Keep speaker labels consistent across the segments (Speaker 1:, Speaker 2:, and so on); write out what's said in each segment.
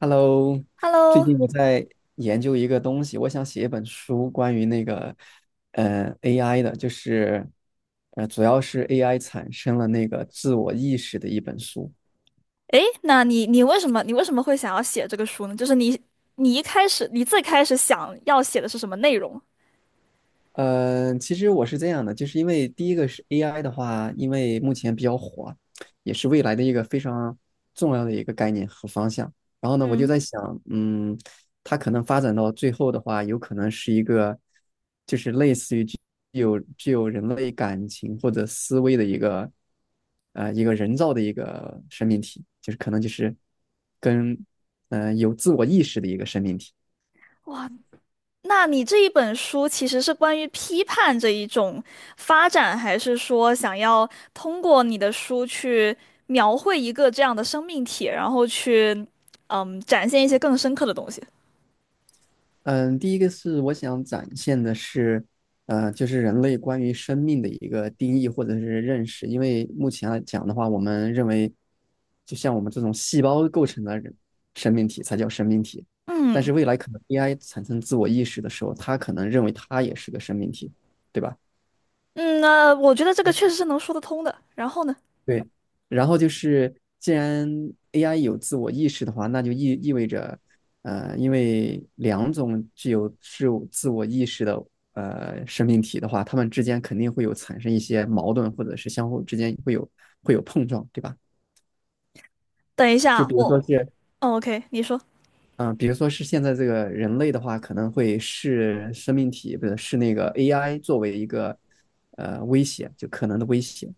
Speaker 1: Hello，最
Speaker 2: Hello。
Speaker 1: 近我在研究一个东西，我想写一本书，关于那个AI 的，就是主要是 AI 产生了那个自我意识的一本书。
Speaker 2: 那你为什么你为什么会想要写这个书呢？就是你一开始最开始想要写的是什么内容？
Speaker 1: 其实我是这样的，就是因为第一个是 AI 的话，因为目前比较火，也是未来的一个非常重要的一个概念和方向。然后呢，我就
Speaker 2: 嗯，
Speaker 1: 在想，它可能发展到最后的话，有可能是一个，就是类似于具有人类感情或者思维的一个，一个人造的一个生命体，就是可能就是跟，有自我意识的一个生命体。
Speaker 2: 那你这一本书其实是关于批判这一种发展，还是说想要通过你的书去描绘一个这样的生命体，然后去展现一些更深刻的东西？
Speaker 1: 嗯，第一个是我想展现的是，就是人类关于生命的一个定义或者是认识。因为目前来讲的话，我们认为，就像我们这种细胞构成的人生命体才叫生命体。但是
Speaker 2: 嗯
Speaker 1: 未来可能 AI 产生自我意识的时候，它可能认为它也是个生命体，对吧？
Speaker 2: 嗯，那我觉得这个确实是能说得通的。然后呢，
Speaker 1: 对，然后就是，既然 AI 有自我意识的话，那就意味着，因为两种具有自我意识的生命体的话，它们之间肯定会有产生一些矛盾，或者是相互之间会有碰撞，对吧？
Speaker 2: 等一
Speaker 1: 就
Speaker 2: 下，
Speaker 1: 比如
Speaker 2: 我，
Speaker 1: 说是，
Speaker 2: 哦，OK,你说。
Speaker 1: 嗯、比如说是现在这个人类的话，可能会视生命体，不是视那个 AI 作为一个威胁，就可能的威胁。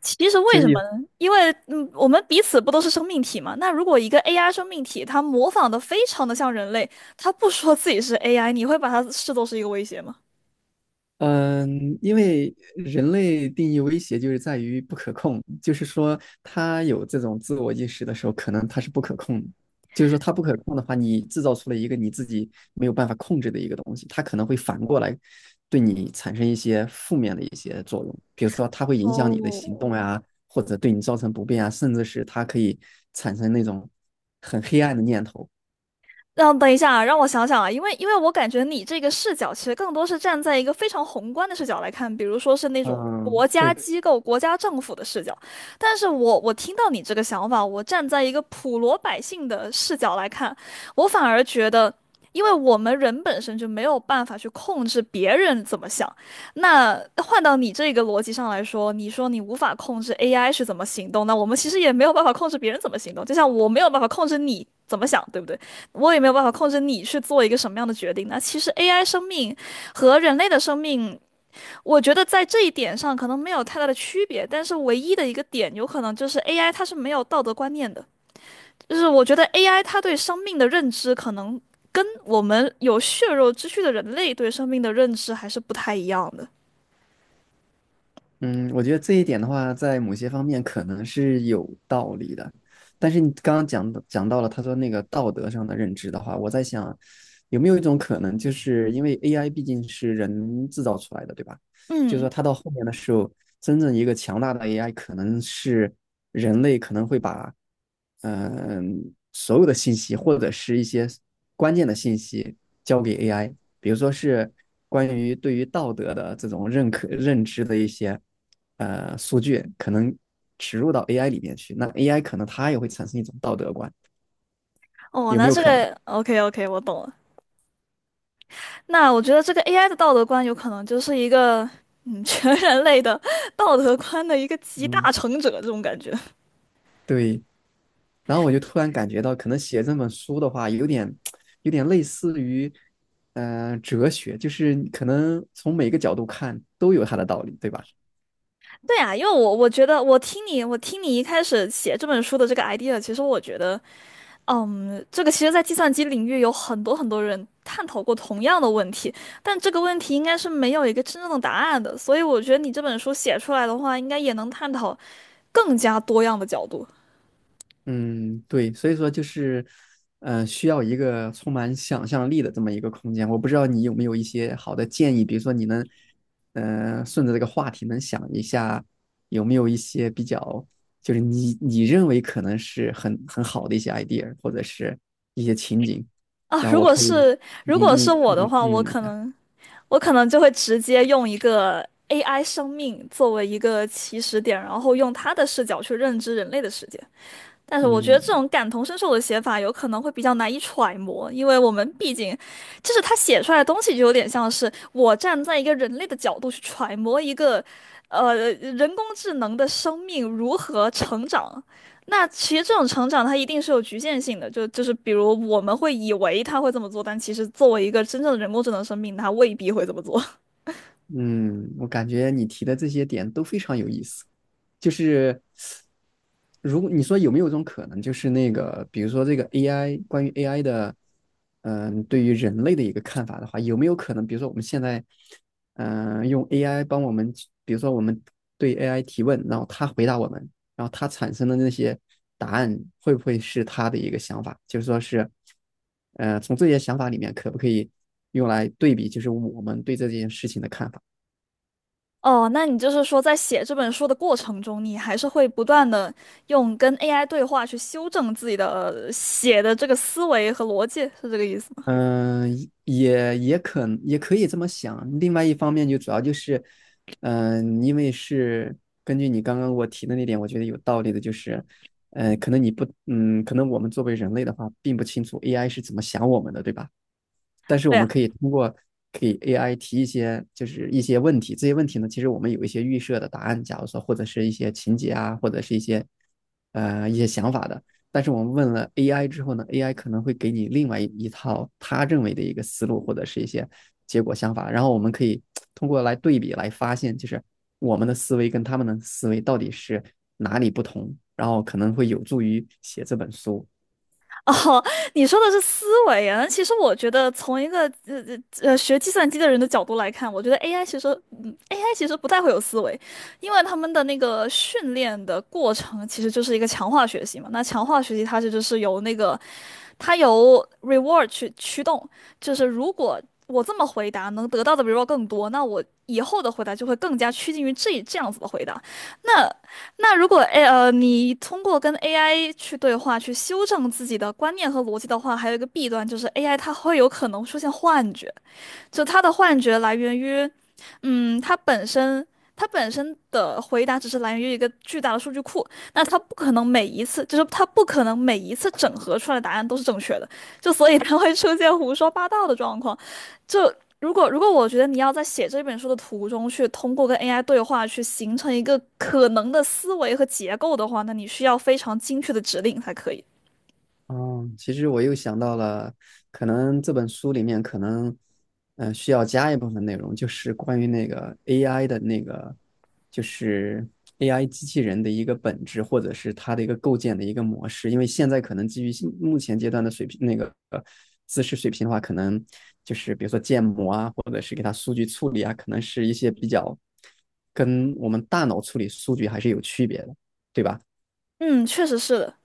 Speaker 2: 其实
Speaker 1: 就
Speaker 2: 为
Speaker 1: 是
Speaker 2: 什么
Speaker 1: 有
Speaker 2: 呢？因为我们彼此不都是生命体嘛？那如果一个 AI 生命体，它模仿的非常的像人类，它不说自己是 AI,你会把它视作是一个威胁吗？
Speaker 1: 嗯，因为人类定义威胁就是在于不可控，就是说他有这种自我意识的时候，可能他是不可控的。就是说他不可控的话，你制造出了一个你自己没有办法控制的一个东西，它可能会反过来对你产生一些负面的一些作用。比如说，它会影响你的行
Speaker 2: 哦，
Speaker 1: 动呀，或者对你造成不便啊，甚至是它可以产生那种很黑暗的念头。
Speaker 2: 让等一下啊，让我想想啊，因为我感觉你这个视角其实更多是站在一个非常宏观的视角来看，比如说是那种
Speaker 1: 嗯，
Speaker 2: 国家
Speaker 1: 对。
Speaker 2: 机构、国家政府的视角。但是我听到你这个想法，我站在一个普罗百姓的视角来看，我反而觉得，因为我们人本身就没有办法去控制别人怎么想。那换到你这个逻辑上来说，你说你无法控制 AI 是怎么行动，那我们其实也没有办法控制别人怎么行动，就像我没有办法控制你怎么想，对不对？我也没有办法控制你去做一个什么样的决定，那其实 AI 生命和人类的生命，我觉得在这一点上可能没有太大的区别，但是唯一的一个点，有可能就是 AI 它是没有道德观念的，就是我觉得 AI 它对生命的认知可能跟我们有血肉之躯的人类对生命的认知还是不太一样的。
Speaker 1: 嗯，我觉得这一点的话，在某些方面可能是有道理的，但是你刚刚讲到了他说那个道德上的认知的话，我在想，有没有一种可能，就是因为 AI 毕竟是人制造出来的，对吧？就是
Speaker 2: 嗯，
Speaker 1: 说它到后面的时候，真正一个强大的 AI，可能是人类可能会把嗯、所有的信息或者是一些关键的信息交给 AI，比如说是关于对于道德的这种认知的一些数据，可能植入到 AI 里面去，那 AI 可能它也会产生一种道德观，
Speaker 2: 哦，
Speaker 1: 有没
Speaker 2: 那
Speaker 1: 有
Speaker 2: 这
Speaker 1: 可能？
Speaker 2: 个 OK OK,我懂了。那我觉得这个 AI 的道德观有可能就是一个全人类的道德观的一个集
Speaker 1: 嗯，
Speaker 2: 大成者这种感觉。
Speaker 1: 对，然后我就突然感觉到，可能写这本书的话，有点类似于哲学，就是可能从每个角度看都有它的道理，对吧？
Speaker 2: 对啊，因为我觉得我听你一开始写这本书的这个 idea,其实我觉得这个其实在计算机领域有很多人探讨过同样的问题，但这个问题应该是没有一个真正的答案的，所以我觉得你这本书写出来的话，应该也能探讨更加多样的角度。
Speaker 1: 嗯，对，所以说就是，需要一个充满想象力的这么一个空间。我不知道你有没有一些好的建议，比如说你能，顺着这个话题能想一下，有没有一些比较，就是你认为可能是很好的一些 idea，或者是一些情景，
Speaker 2: 啊，
Speaker 1: 然后我可以
Speaker 2: 如
Speaker 1: 应
Speaker 2: 果是
Speaker 1: 应
Speaker 2: 我的
Speaker 1: 应
Speaker 2: 话，
Speaker 1: 应用一下。
Speaker 2: 我可能就会直接用一个 AI 生命作为一个起始点，然后用它的视角去认知人类的世界。但是我觉得这
Speaker 1: 嗯。
Speaker 2: 种感同身受的写法有可能会比较难以揣摩，因为我们毕竟，就是他写出来的东西就有点像是我站在一个人类的角度去揣摩一个，人工智能的生命如何成长。那其实这种成长它一定是有局限性的，就是比如我们会以为它会这么做，但其实作为一个真正的人工智能生命，它未必会这么做。
Speaker 1: 嗯，我感觉你提的这些点都非常有意思。就是如果你说有没有一种可能，就是那个，比如说这个 AI 关于 AI 的，对于人类的一个看法的话，有没有可能，比如说我们现在，用 AI 帮我们去比如说我们对 AI 提问，然后它回答我们，然后它产生的那些答案会不会是它的一个想法？就是说是，从这些想法里面可不可以用来对比，就是我们对这件事情的看法？
Speaker 2: 哦，那你就是说，在写这本书的过程中，你还是会不断的用跟 AI 对话去修正自己的写的这个思维和逻辑，是这个意思吗？
Speaker 1: 嗯，也可以这么想。另外一方面，就主要就是，因为是根据你刚刚我提的那点，我觉得有道理的，就是，可能你不，可能我们作为人类的话，并不清楚 AI 是怎么想我们的，对吧？但是我
Speaker 2: 对啊，
Speaker 1: 们可以通过给 AI 提一些就是一些问题，这些问题呢，其实我们有一些预设的答案，假如说或者是一些情节啊，或者是一些想法的。但是我们问了 AI 之后呢，AI 可能会给你另外一套他认为的一个思路或者是一些结果想法，然后我们可以通过来对比来发现，就是我们的思维跟他们的思维到底是哪里不同，然后可能会有助于写这本书。
Speaker 2: 哦，你说的是思维啊。那其实我觉得，从一个学计算机的人的角度来看，我觉得 AI 其实，嗯，AI 其实不太会有思维，因为他们的那个训练的过程其实就是一个强化学习嘛。那强化学习它其实是由那个它由 reward 去驱动，就是如果我这么回答能得到的 reward 更多，那我以后的回答就会更加趋近于这样子的回答。那那如果你通过跟 AI 去对话去修正自己的观念和逻辑的话，还有一个弊端就是 AI 它会有可能出现幻觉，就他的幻觉来源于，嗯，他本身的回答只是来源于一个巨大的数据库，那他不可能每一次，就是他不可能每一次整合出来的答案都是正确的，就所以他会出现胡说八道的状况。就如果我觉得你要在写这本书的途中去通过跟 AI 对话去形成一个可能的思维和结构的话，那你需要非常精确的指令才可以。
Speaker 1: 哦，其实我又想到了，可能这本书里面可能，需要加一部分内容，就是关于那个 AI 的那个，就是 AI 机器人的一个本质，或者是它的一个构建的一个模式。因为现在可能基于现目前阶段的水平，那个知识水平的话，可能就是比如说建模啊，或者是给它数据处理啊，可能是一些比较跟我们大脑处理数据还是有区别的，对吧？
Speaker 2: 嗯，确实是的。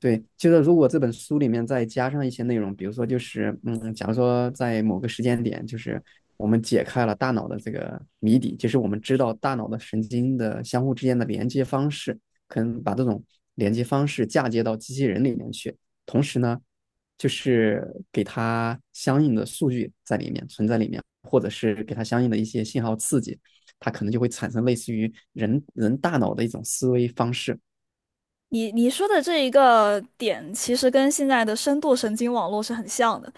Speaker 1: 对，就是如果这本书里面再加上一些内容，比如说就是，假如说在某个时间点，就是我们解开了大脑的这个谜底，就是我们知道大脑的神经的相互之间的连接方式，可能把这种连接方式嫁接到机器人里面去，同时呢，就是给它相应的数据在里面存在里面，或者是给它相应的一些信号刺激，它可能就会产生类似于人大脑的一种思维方式。
Speaker 2: 你说的这一个点，其实跟现在的深度神经网络是很像的。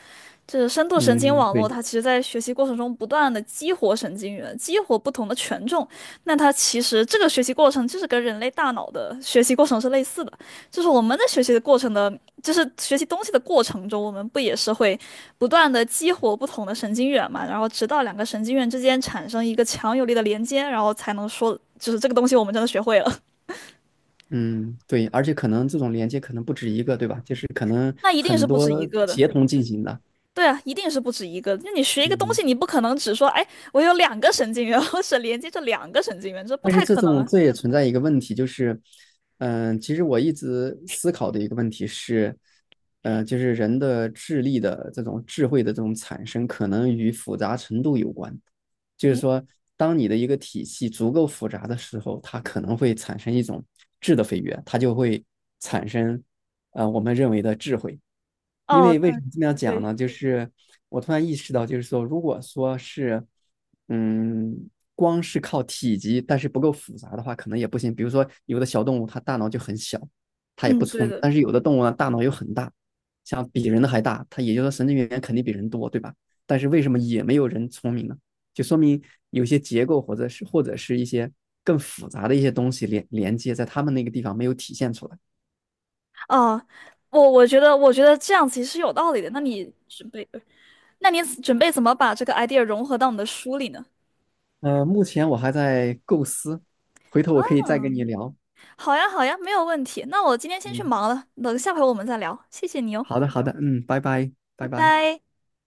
Speaker 2: 就是深度神经
Speaker 1: 嗯，
Speaker 2: 网络，
Speaker 1: 对。
Speaker 2: 它其实在学习过程中不断的激活神经元，激活不同的权重。那它其实这个学习过程就是跟人类大脑的学习过程是类似的，就是我们在学习的过程的，就是学习东西的过程中，我们不也是会不断的激活不同的神经元嘛？然后直到两个神经元之间产生一个强有力的连接，然后才能说，就是这个东西我们真的学会了。
Speaker 1: 嗯，对，而且可能这种连接可能不止一个，对吧？就是可能
Speaker 2: 那一定是
Speaker 1: 很
Speaker 2: 不
Speaker 1: 多
Speaker 2: 止一个的。
Speaker 1: 协同进行的。
Speaker 2: 对啊，一定是不止一个。那你学一个东
Speaker 1: 嗯，
Speaker 2: 西，你不可能只说，哎，我有两个神经元，我只连接着两个神经元，这不
Speaker 1: 但是
Speaker 2: 太
Speaker 1: 这
Speaker 2: 可能
Speaker 1: 种
Speaker 2: 啊。
Speaker 1: 这也存在一个问题，就是，其实我一直思考的一个问题是，就是人的智力的这种智慧的这种产生，可能与复杂程度有关。就是说，当你的一个体系足够复杂的时候，它可能会产生一种质的飞跃，它就会产生，我们认为的智慧。因
Speaker 2: 哦，
Speaker 1: 为为什
Speaker 2: 那
Speaker 1: 么这么样讲
Speaker 2: 对，
Speaker 1: 呢？就是我突然意识到，就是说，如果说是，嗯，光是靠体积，但是不够复杂的话，可能也不行。比如说，有的小动物它大脑就很小，它也不
Speaker 2: 嗯，
Speaker 1: 聪
Speaker 2: 对
Speaker 1: 明；
Speaker 2: 的。
Speaker 1: 但是有的动物呢，大脑又很大，像比人的还大，它也就是说神经元肯定比人多，对吧？但是为什么也没有人聪明呢？就说明有些结构或者是一些更复杂的一些东西连接在他们那个地方没有体现出来。
Speaker 2: 哦，我觉得，我觉得这样其实有道理的。那你准备，那你准备怎么把这个 idea 融合到你的书里呢？
Speaker 1: 目前我还在构思，回头我可以再跟你聊。
Speaker 2: 好呀，好呀，没有问题。那我今天先去
Speaker 1: 嗯，
Speaker 2: 忙了，等下回我们再聊。谢谢你哦，
Speaker 1: 好的，好的，嗯，拜拜，
Speaker 2: 拜
Speaker 1: 拜拜。
Speaker 2: 拜。